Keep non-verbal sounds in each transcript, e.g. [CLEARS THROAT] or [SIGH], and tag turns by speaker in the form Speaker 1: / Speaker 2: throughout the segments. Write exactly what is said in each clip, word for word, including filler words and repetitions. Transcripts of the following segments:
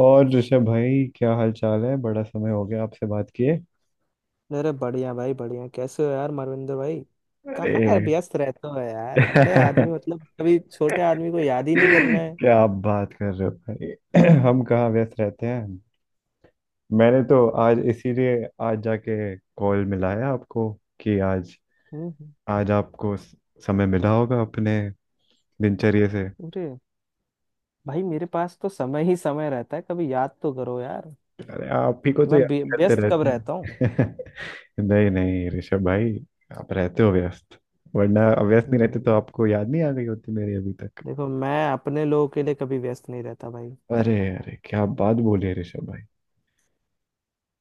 Speaker 1: और ऋषभ भाई, क्या हाल चाल है, बड़ा समय हो गया आपसे बात किए।
Speaker 2: अरे बढ़िया भाई बढ़िया। कैसे हो यार मारविंदर भाई?
Speaker 1: अरे!
Speaker 2: कहाँ यार, व्यस्त रहते हो यार, बड़े आदमी।
Speaker 1: [LAUGHS]
Speaker 2: मतलब कभी छोटे आदमी को याद ही नहीं करना है।
Speaker 1: क्या आप बात कर रहे हो भाई? [CLEARS THROAT] हम कहाँ व्यस्त रहते हैं? मैंने तो आज इसीलिए, आज जाके कॉल मिलाया आपको कि आज
Speaker 2: हम्म हम्म।
Speaker 1: आज आपको स- समय मिला होगा अपने दिनचर्या से।
Speaker 2: अरे भाई, मेरे पास तो समय ही समय रहता है। कभी याद तो करो यार।
Speaker 1: अरे आप ही को तो
Speaker 2: मैं
Speaker 1: याद
Speaker 2: व्य-
Speaker 1: करते
Speaker 2: व्यस्त कब
Speaker 1: रहते
Speaker 2: रहता हूँ?
Speaker 1: हैं। [LAUGHS] नहीं नहीं ऋषभ भाई, आप रहते हो व्यस्त, वरना व्यस्त नहीं रहते तो
Speaker 2: नहीं,
Speaker 1: आपको याद नहीं आ गई होती मेरी अभी तक।
Speaker 2: देखो मैं अपने लोगों के लिए कभी व्यस्त नहीं रहता भाई।
Speaker 1: अरे अरे, क्या बात बोले ऋषभ भाई!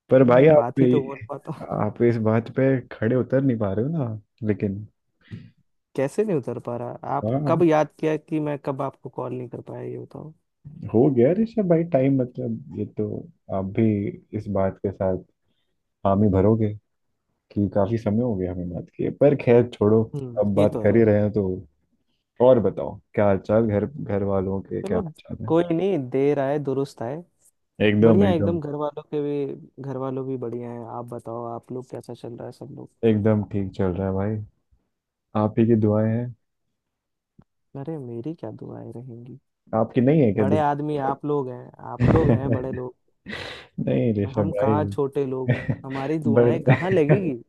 Speaker 1: पर
Speaker 2: हम्म
Speaker 1: भाई
Speaker 2: हम्म,
Speaker 1: आप
Speaker 2: बात ही तो बोल पाता हूँ।
Speaker 1: आप इस बात पे खड़े उतर नहीं पा रहे हो ना, लेकिन।
Speaker 2: [LAUGHS] कैसे नहीं उतर पा रहा? आप कब
Speaker 1: हाँ,
Speaker 2: याद किया कि मैं कब आपको कॉल नहीं कर पाया, ये बताओ।
Speaker 1: हो गया ऋषभ भाई टाइम, मतलब ये तो आप भी इस बात के साथ हामी भरोगे कि काफी समय हो गया हमें बात किए, पर खैर छोड़ो।
Speaker 2: हम्म
Speaker 1: अब
Speaker 2: ये
Speaker 1: बात
Speaker 2: तो है।
Speaker 1: कर ही रहे हैं तो और बताओ, क्या हाल चाल, घर, घर वालों के क्या
Speaker 2: चलो
Speaker 1: हाल चाल है?
Speaker 2: कोई नहीं, देर आए दुरुस्त आए।
Speaker 1: एकदम,
Speaker 2: बढ़िया
Speaker 1: एकदम।
Speaker 2: एकदम। घर वालों के भी घर वालों भी बढ़िया हैं। आप बताओ, आप लोग कैसा चल रहा है सब लोग?
Speaker 1: एकदम ठीक चल रहा है भाई, आप ही की दुआएं हैं।
Speaker 2: अरे मेरी क्या दुआएं रहेंगी।
Speaker 1: आपकी नहीं है क्या
Speaker 2: बड़े आदमी आप लोग हैं, आप लोग हैं
Speaker 1: दुआ?
Speaker 2: बड़े
Speaker 1: [LAUGHS]
Speaker 2: लोग।
Speaker 1: नहीं ऋषभ
Speaker 2: हम
Speaker 1: भाई।
Speaker 2: कहाँ छोटे लोग।
Speaker 1: [LAUGHS]
Speaker 2: हमारी दुआएं
Speaker 1: बड़े!
Speaker 2: कहाँ लगेगी,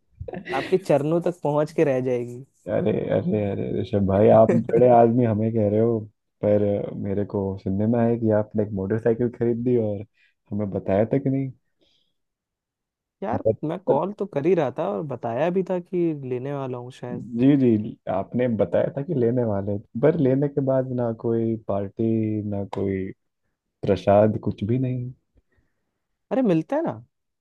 Speaker 2: आपके चरणों तक पहुंच के रह जाएगी।
Speaker 1: अरे अरे अरे ऋषभ भाई, आप बड़े
Speaker 2: [LAUGHS]
Speaker 1: आदमी हमें कह रहे हो? पर मेरे को सुनने में आया कि आपने एक मोटरसाइकिल खरीद ली और हमें बताया था कि नहीं।
Speaker 2: यार
Speaker 1: बत,
Speaker 2: मैं
Speaker 1: बत,
Speaker 2: कॉल तो कर ही रहा था और बताया भी था कि लेने वाला हूँ शायद।
Speaker 1: जी जी, आपने बताया था कि लेने वाले, पर लेने के बाद ना कोई पार्टी, ना कोई प्रसाद, कुछ भी नहीं।
Speaker 2: अरे मिलते हैं ना,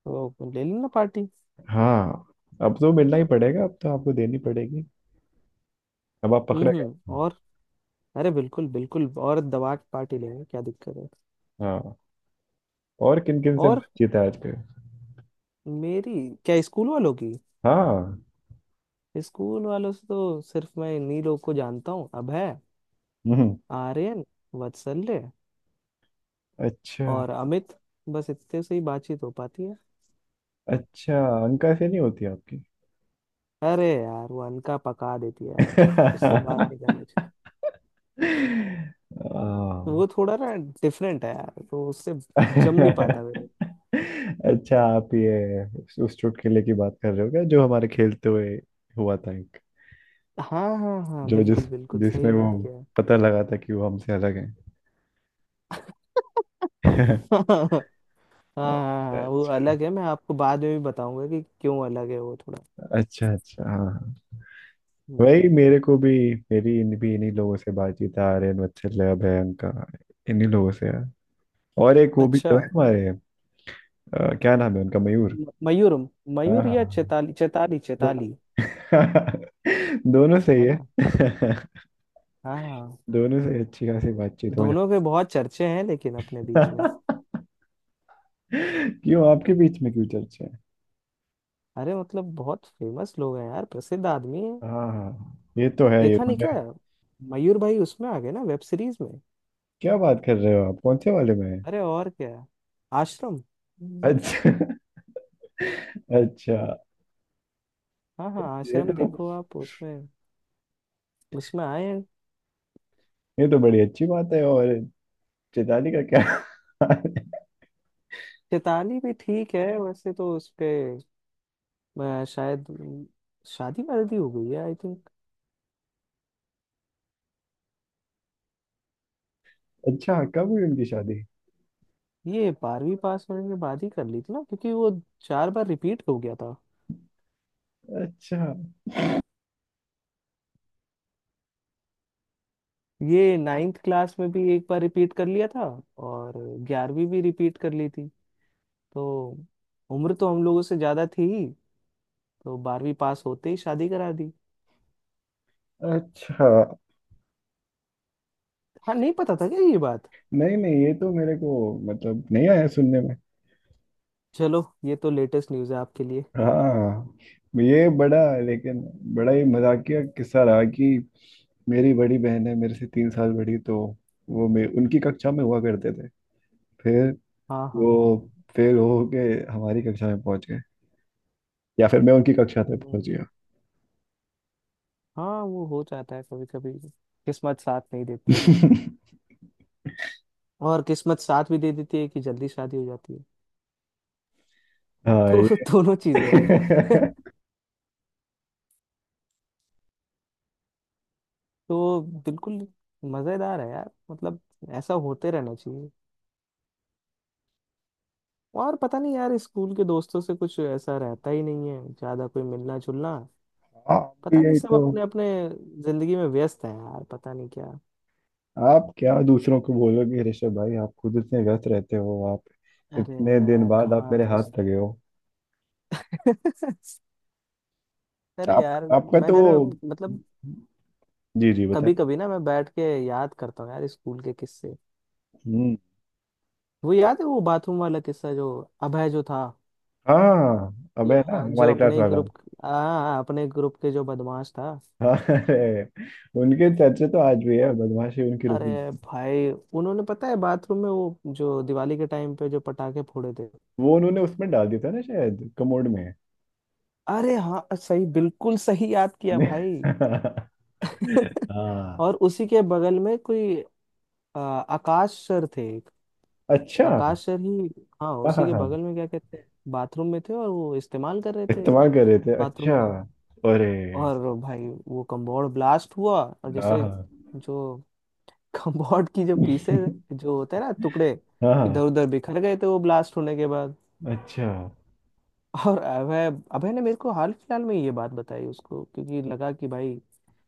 Speaker 2: तो ले लेना पार्टी।
Speaker 1: हाँ, अब तो मिलना ही पड़ेगा, अब तो आपको देनी पड़ेगी, अब आप
Speaker 2: हम्म
Speaker 1: पकड़े
Speaker 2: हम्म।
Speaker 1: गए।
Speaker 2: और अरे बिल्कुल बिल्कुल, और दबा के पार्टी लेंगे, क्या दिक्कत है?
Speaker 1: हाँ, और किन किन से
Speaker 2: और
Speaker 1: बातचीत है आजकल?
Speaker 2: मेरी, क्या स्कूल वालों की?
Speaker 1: हाँ।
Speaker 2: स्कूल वालों से तो सिर्फ मैं इन्हीं लोग को जानता हूँ, अभय,
Speaker 1: हम्म।
Speaker 2: आर्यन, वत्सल्य
Speaker 1: अच्छा।
Speaker 2: और अमित। बस इतने से ही बातचीत हो पाती है।
Speaker 1: अच्छा, अंकाक्षरी नहीं होती आपकी?
Speaker 2: अरे यार, वो अनका पका देती है यार। उससे बात नहीं करना चाहिए,
Speaker 1: [LAUGHS] आ,
Speaker 2: वो थोड़ा ना डिफरेंट है यार, तो उससे जम नहीं पाता
Speaker 1: [LAUGHS]
Speaker 2: मेरे।
Speaker 1: अच्छा, आप ये उस उस चुटकुले की बात कर रहे हो क्या, जो हमारे खेलते हुए हुआ था एक,
Speaker 2: हाँ हाँ हाँ,
Speaker 1: जो जिस
Speaker 2: बिल्कुल बिल्कुल
Speaker 1: जिसमें
Speaker 2: सही
Speaker 1: वो
Speaker 2: याद किया है।
Speaker 1: पता लगा था कि वो हमसे अलग है।
Speaker 2: [LAUGHS]
Speaker 1: [LAUGHS]
Speaker 2: हाँ हाँ हाँ, वो
Speaker 1: अच्छा
Speaker 2: अलग है। मैं आपको बाद में भी बताऊंगा कि क्यों अलग है, वो थोड़ा।
Speaker 1: अच्छा, अच्छा, हाँ हाँ। वही
Speaker 2: हम्म,
Speaker 1: मेरे को भी, मेरी इन भी इन्हीं लोगों से बातचीत है, आर्यन, वत्सल, अभय, अंका, इन्हीं लोगों से है। और एक वो भी
Speaker 2: अच्छा।
Speaker 1: तो है हमारे, अ, क्या नाम है उनका, मयूर।
Speaker 2: म- मयूर
Speaker 1: हाँ
Speaker 2: मयूर या
Speaker 1: हाँ।
Speaker 2: चेताली चेताली
Speaker 1: दो
Speaker 2: चेताली।
Speaker 1: [LAUGHS] दोनों सही
Speaker 2: है
Speaker 1: है।
Speaker 2: ना?
Speaker 1: [LAUGHS]
Speaker 2: हाँ।
Speaker 1: दोनों से अच्छी खासी बातचीत हो जाती।
Speaker 2: दोनों के बहुत चर्चे हैं लेकिन अपने बीच में।
Speaker 1: [LAUGHS] क्यों, आपके बीच में क्यों चर्चा है?
Speaker 2: अरे मतलब बहुत फेमस लोग हैं यार, प्रसिद्ध आदमी है।
Speaker 1: हाँ हाँ, ये तो है। ये
Speaker 2: देखा नहीं
Speaker 1: मुझे।
Speaker 2: क्या? मयूर भाई उसमें आ गए ना, वेब सीरीज में।
Speaker 1: क्या बात कर रहे हो आप, कौन से वाले में है?
Speaker 2: अरे और क्या, आश्रम। हम्म।
Speaker 1: अच्छा। [LAUGHS] अच्छा,
Speaker 2: हाँ हाँ
Speaker 1: ये
Speaker 2: आश्रम,
Speaker 1: तो
Speaker 2: देखो आप उसमें उसमें आए हैं।
Speaker 1: ये तो बड़ी अच्छी बात है। और चेताली का क्या? [LAUGHS]
Speaker 2: चेताली भी ठीक है, वैसे तो उसके अ, शायद अम, शादी वादी हो गई है आई थिंक।
Speaker 1: अच्छा, कब हुई उनकी शादी?
Speaker 2: ये बारहवीं पास होने के बाद ही कर ली थी ना, क्योंकि वो चार बार रिपीट हो गया था।
Speaker 1: अच्छा
Speaker 2: ये नाइन्थ क्लास में भी एक बार रिपीट कर लिया था। और ग्यारहवीं भी रिपीट कर ली थी। तो उम्र तो हम लोगों से ज्यादा थी ही, तो बारहवीं पास होते ही शादी करा दी।
Speaker 1: अच्छा,
Speaker 2: हाँ, नहीं पता था क्या ये बात?
Speaker 1: नहीं नहीं, ये तो मेरे को मतलब नहीं आया सुनने में।
Speaker 2: चलो, ये तो लेटेस्ट न्यूज़ है आपके लिए।
Speaker 1: हाँ, ये बड़ा, लेकिन बड़ा ही मजाकिया किस्सा रहा कि मेरी बड़ी बहन है, मेरे से तीन साल बड़ी, तो वो मे उनकी कक्षा में हुआ करते थे, फिर
Speaker 2: हाँ हाँ
Speaker 1: वो
Speaker 2: हाँ।
Speaker 1: फेल हो के हमारी कक्षा में पहुंच गए, या फिर मैं उनकी कक्षा तक
Speaker 2: हम्म,
Speaker 1: पहुंच
Speaker 2: हम्म।
Speaker 1: गया।
Speaker 2: हाँ वो हो जाता है कभी कभी, किस्मत साथ नहीं देती है।
Speaker 1: [LAUGHS]
Speaker 2: और किस्मत साथ भी दे देती है कि जल्दी शादी हो जाती है।
Speaker 1: हाँ
Speaker 2: तो
Speaker 1: ये।
Speaker 2: [LAUGHS] दोनों चीजें
Speaker 1: [LAUGHS]
Speaker 2: हैं [LAUGHS] तो बिल्कुल मजेदार है यार, मतलब ऐसा होते रहना चाहिए। और पता नहीं यार, स्कूल के दोस्तों से कुछ ऐसा रहता ही नहीं है, ज्यादा कोई मिलना जुलना।
Speaker 1: आप
Speaker 2: पता
Speaker 1: भी
Speaker 2: नहीं,
Speaker 1: यही
Speaker 2: सब
Speaker 1: तो,
Speaker 2: अपने अपने जिंदगी में व्यस्त है यार, पता नहीं क्या।
Speaker 1: आप क्या दूसरों को बोलोगे ऋषभ भाई, आप खुद इतने व्यस्त रहते हो, आप
Speaker 2: अरे
Speaker 1: इतने दिन
Speaker 2: मैं
Speaker 1: बाद आप
Speaker 2: कहाँ
Speaker 1: मेरे
Speaker 2: व्यस्त।
Speaker 1: हाथ लगे हो।
Speaker 2: [LAUGHS] अरे
Speaker 1: आप
Speaker 2: यार,
Speaker 1: आपका
Speaker 2: मैं
Speaker 1: तो।
Speaker 2: जरा मतलब।
Speaker 1: जी जी, बताएं।
Speaker 2: कभी कभी ना मैं बैठ के याद करता हूँ यार, स्कूल के किस्से।
Speaker 1: हम्म।
Speaker 2: वो याद है वो बाथरूम वाला किस्सा, जो अभय जो था?
Speaker 1: हाँ, अबे ना,
Speaker 2: जो जो
Speaker 1: हमारी क्लास
Speaker 2: अपने ही
Speaker 1: वाला।
Speaker 2: ग्रुप हाँ, अपने ग्रुप के जो बदमाश था।
Speaker 1: हाँ अरे, उनके चर्चे तो आज भी है, बदमाशी उनकी
Speaker 2: अरे
Speaker 1: रुकी नहीं।
Speaker 2: भाई, उन्होंने पता है बाथरूम में वो जो दिवाली के टाइम पे जो पटाखे फोड़े थे।
Speaker 1: वो उन्होंने उसमें डाल दिया था ना, शायद कमोड में।
Speaker 2: अरे हाँ, सही बिल्कुल सही याद किया भाई। [LAUGHS] और
Speaker 1: हाँ।
Speaker 2: उसी के बगल में कोई अ, आकाश सर थे एक।
Speaker 1: [LAUGHS] अच्छा,
Speaker 2: आकाश सर ही, हाँ,
Speaker 1: हाँ
Speaker 2: उसी
Speaker 1: हाँ
Speaker 2: के
Speaker 1: हाँ,
Speaker 2: बगल में क्या कहते हैं। बाथरूम में थे और वो इस्तेमाल कर रहे थे
Speaker 1: इस्तेमाल कर रहे थे,
Speaker 2: बाथरूम
Speaker 1: अच्छा।
Speaker 2: का।
Speaker 1: अरे
Speaker 2: और भाई वो कम्बोर्ड ब्लास्ट हुआ, और
Speaker 1: हाँ
Speaker 2: जैसे
Speaker 1: हाँ।
Speaker 2: जो [LAUGHS] कम्बोर्ड की जो पीसे
Speaker 1: [LAUGHS]
Speaker 2: जो होते हैं ना, टुकड़े
Speaker 1: हाँ
Speaker 2: इधर
Speaker 1: हाँ,
Speaker 2: उधर बिखर गए थे वो ब्लास्ट होने के बाद।
Speaker 1: अच्छा,
Speaker 2: और अभय अभय ने मेरे को हाल फिलहाल में ये बात बताई उसको, क्योंकि लगा कि भाई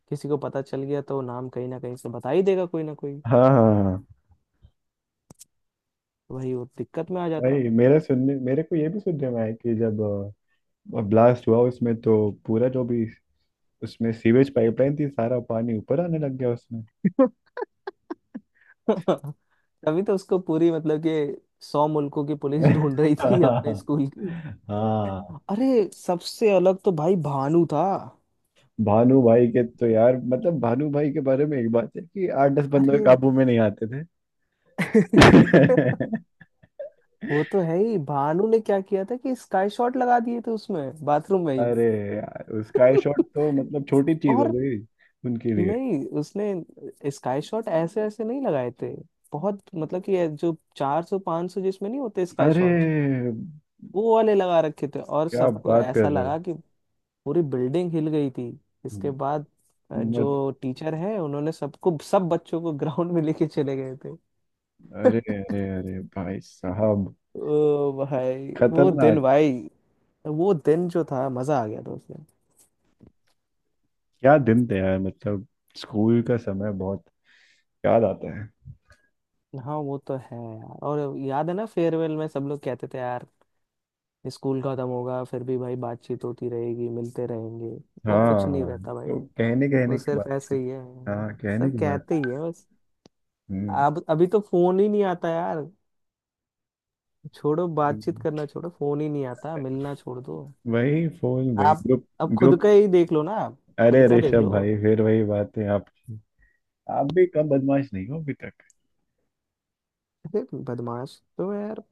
Speaker 2: किसी को पता चल गया तो नाम कहीं ना कहीं से बता ही देगा कोई ना कोई।
Speaker 1: हाँ हाँ हाँ।
Speaker 2: वही, वो दिक्कत में आ जाता।
Speaker 1: भाई, मेरा सुनने मेरे को ये भी सुनने में आया कि जब ब्लास्ट हुआ उसमें तो पूरा जो भी उसमें सीवेज पाइपलाइन थी, सारा पानी ऊपर आने लग गया उसमें।
Speaker 2: [LAUGHS] तभी तो उसको पूरी मतलब कि सौ मुल्कों की पुलिस
Speaker 1: [LAUGHS]
Speaker 2: ढूंढ रही थी अपने
Speaker 1: हाँ
Speaker 2: स्कूल की।
Speaker 1: हाँ।
Speaker 2: अरे, सबसे अलग तो भाई भानु था।
Speaker 1: भानु भाई के तो यार मतलब भानु भाई के बारे में एक बात है कि आठ दस बंदों के
Speaker 2: अरे।
Speaker 1: काबू में नहीं आते थे।
Speaker 2: [LAUGHS] वो तो
Speaker 1: [LAUGHS]
Speaker 2: है ही। भानु ने क्या किया था कि स्काई शॉट लगा दिए थे उसमें, बाथरूम में ही।
Speaker 1: अरे यार, उसका ये शॉट तो
Speaker 2: [LAUGHS]
Speaker 1: मतलब छोटी चीज हो
Speaker 2: और
Speaker 1: गई उनके लिए।
Speaker 2: नहीं, उसने स्काई शॉट ऐसे ऐसे नहीं लगाए थे। बहुत मतलब कि ये जो चार सौ पांच सौ जिसमें नहीं होते स्काई
Speaker 1: अरे,
Speaker 2: शॉट्स। वो वाले लगा रखे थे और
Speaker 1: क्या
Speaker 2: सबको
Speaker 1: बात कर
Speaker 2: ऐसा
Speaker 1: रहे हो!
Speaker 2: लगा कि पूरी बिल्डिंग हिल गई थी। इसके बाद अ,
Speaker 1: मत
Speaker 2: जो टीचर है, उन्होंने सबको सब बच्चों को ग्राउंड में लेके चले गए थे।
Speaker 1: अरे अरे
Speaker 2: [LAUGHS]
Speaker 1: अरे भाई साहब,
Speaker 2: ओ भाई, वो दिन
Speaker 1: खतरनाक!
Speaker 2: भाई, वो दिन जो था मजा आ गया था उसमें।
Speaker 1: क्या दिन थे यार, मतलब स्कूल का समय बहुत याद आता है।
Speaker 2: हाँ वो तो है यार। और याद है ना, फेयरवेल में सब लोग कहते थे यार, स्कूल खत्म होगा फिर भी भाई बातचीत होती रहेगी, मिलते रहेंगे। वो कुछ नहीं
Speaker 1: हाँ,
Speaker 2: रहता भाई,
Speaker 1: तो कहने
Speaker 2: वो
Speaker 1: कहने की
Speaker 2: सिर्फ
Speaker 1: बात थी।
Speaker 2: ऐसे ही है। हाँ,
Speaker 1: हाँ, कहने
Speaker 2: सब
Speaker 1: की
Speaker 2: कहते
Speaker 1: बात।
Speaker 2: ही है बस।
Speaker 1: हम्म।
Speaker 2: अब अभी तो फोन ही नहीं आता यार, छोड़ो बातचीत
Speaker 1: हम्म।
Speaker 2: करना, छोड़ो फोन ही नहीं आता, मिलना छोड़ दो।
Speaker 1: वही फोन, वही
Speaker 2: आप,
Speaker 1: ग्रुप
Speaker 2: अब खुद
Speaker 1: ग्रुप
Speaker 2: का ही देख लो ना आप,
Speaker 1: अरे
Speaker 2: खुद का देख
Speaker 1: ऋषभ
Speaker 2: लो।
Speaker 1: भाई, फिर वही बात है आपकी, आप भी कम बदमाश नहीं हो अभी तक।
Speaker 2: अरे बदमाश तो यार,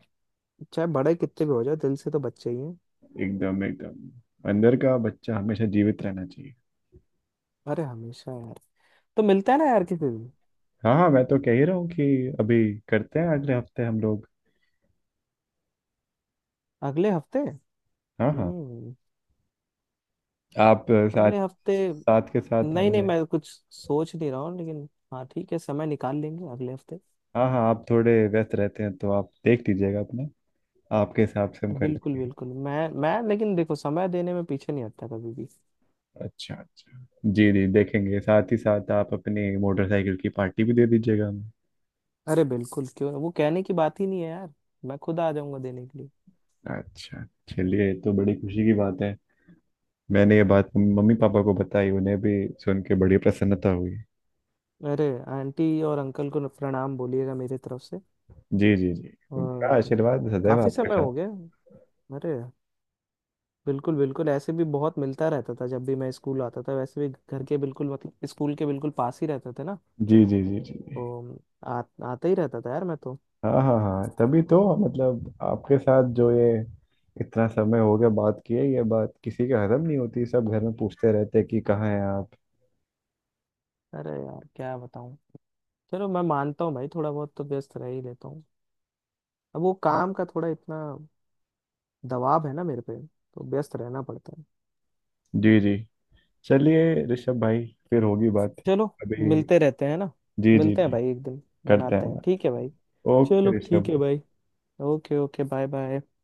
Speaker 2: चाहे बड़े कितने भी हो जाओ दिल से तो बच्चे ही हैं।
Speaker 1: एकदम एकदम, अंदर का बच्चा हमेशा जीवित रहना चाहिए।
Speaker 2: अरे हमेशा यार, तो मिलता है ना यार किसी दिन।
Speaker 1: हाँ हाँ, मैं तो कह ही रहा हूँ कि अभी करते हैं अगले हफ्ते हम लोग।
Speaker 2: अगले हफ्ते?
Speaker 1: हाँ हाँ।
Speaker 2: हम्म।
Speaker 1: आप, अ, साथ
Speaker 2: अगले हफ्ते।
Speaker 1: साथ के साथ
Speaker 2: नहीं नहीं,
Speaker 1: हमें।
Speaker 2: मैं कुछ सोच नहीं रहा हूँ लेकिन। हाँ ठीक है, समय निकाल लेंगे अगले हफ्ते।
Speaker 1: हाँ हाँ, आप थोड़े व्यस्त रहते हैं तो आप देख लीजिएगा अपना, आपके हिसाब से हम कर
Speaker 2: बिल्कुल
Speaker 1: लेंगे।
Speaker 2: बिल्कुल मैं मैं लेकिन देखो, समय देने में पीछे नहीं हटता कभी भी।
Speaker 1: अच्छा अच्छा। जी जी, देखेंगे, साथ ही साथ आप अपनी मोटरसाइकिल की पार्टी भी दे दीजिएगा हमें।
Speaker 2: अरे बिल्कुल, क्यों वो कहने की बात ही नहीं है यार, मैं खुद आ जाऊंगा देने के लिए।
Speaker 1: अच्छा, चलिए, ये तो बड़ी खुशी की बात है, मैंने ये बात मम्मी पापा को बताई, उन्हें भी सुन के बड़ी प्रसन्नता हुई।
Speaker 2: अरे, आंटी और अंकल को प्रणाम बोलिएगा मेरे तरफ से।
Speaker 1: जी जी जी। उनका
Speaker 2: और
Speaker 1: आशीर्वाद सदैव
Speaker 2: काफी
Speaker 1: आपके
Speaker 2: समय
Speaker 1: साथ।
Speaker 2: हो गया। अरे बिल्कुल बिल्कुल, ऐसे भी बहुत मिलता रहता था जब भी मैं स्कूल आता था, वैसे भी घर के बिल्कुल, मतलब स्कूल के बिल्कुल पास ही रहते थे ना।
Speaker 1: जी जी जी जी जी।
Speaker 2: तो आ, आता ही रहता था यार मैं तो।
Speaker 1: हाँ हाँ हाँ, तभी तो, मतलब आपके साथ जो ये इतना समय हो गया बात किए, ये बात किसी के हजम नहीं होती, सब घर में पूछते रहते हैं कि कहाँ हैं आप।
Speaker 2: अरे यार क्या बताऊं, चलो मैं मानता हूँ भाई थोड़ा बहुत तो व्यस्त रह ही लेता हूँ। अब वो, हाँ, काम का थोड़ा इतना दबाव है ना मेरे पे, तो व्यस्त रहना पड़ता है।
Speaker 1: जी जी, चलिए ऋषभ भाई, फिर होगी बात।
Speaker 2: चलो
Speaker 1: अभी।
Speaker 2: मिलते रहते हैं ना,
Speaker 1: जी जी
Speaker 2: मिलते हैं
Speaker 1: जी,
Speaker 2: भाई एक दिन,
Speaker 1: करते
Speaker 2: बनाते
Speaker 1: हैं
Speaker 2: हैं। ठीक है
Speaker 1: बात।
Speaker 2: भाई। चलो
Speaker 1: ओके
Speaker 2: ठीक
Speaker 1: ऋषभ।
Speaker 2: है भाई। Okay okay bye bye.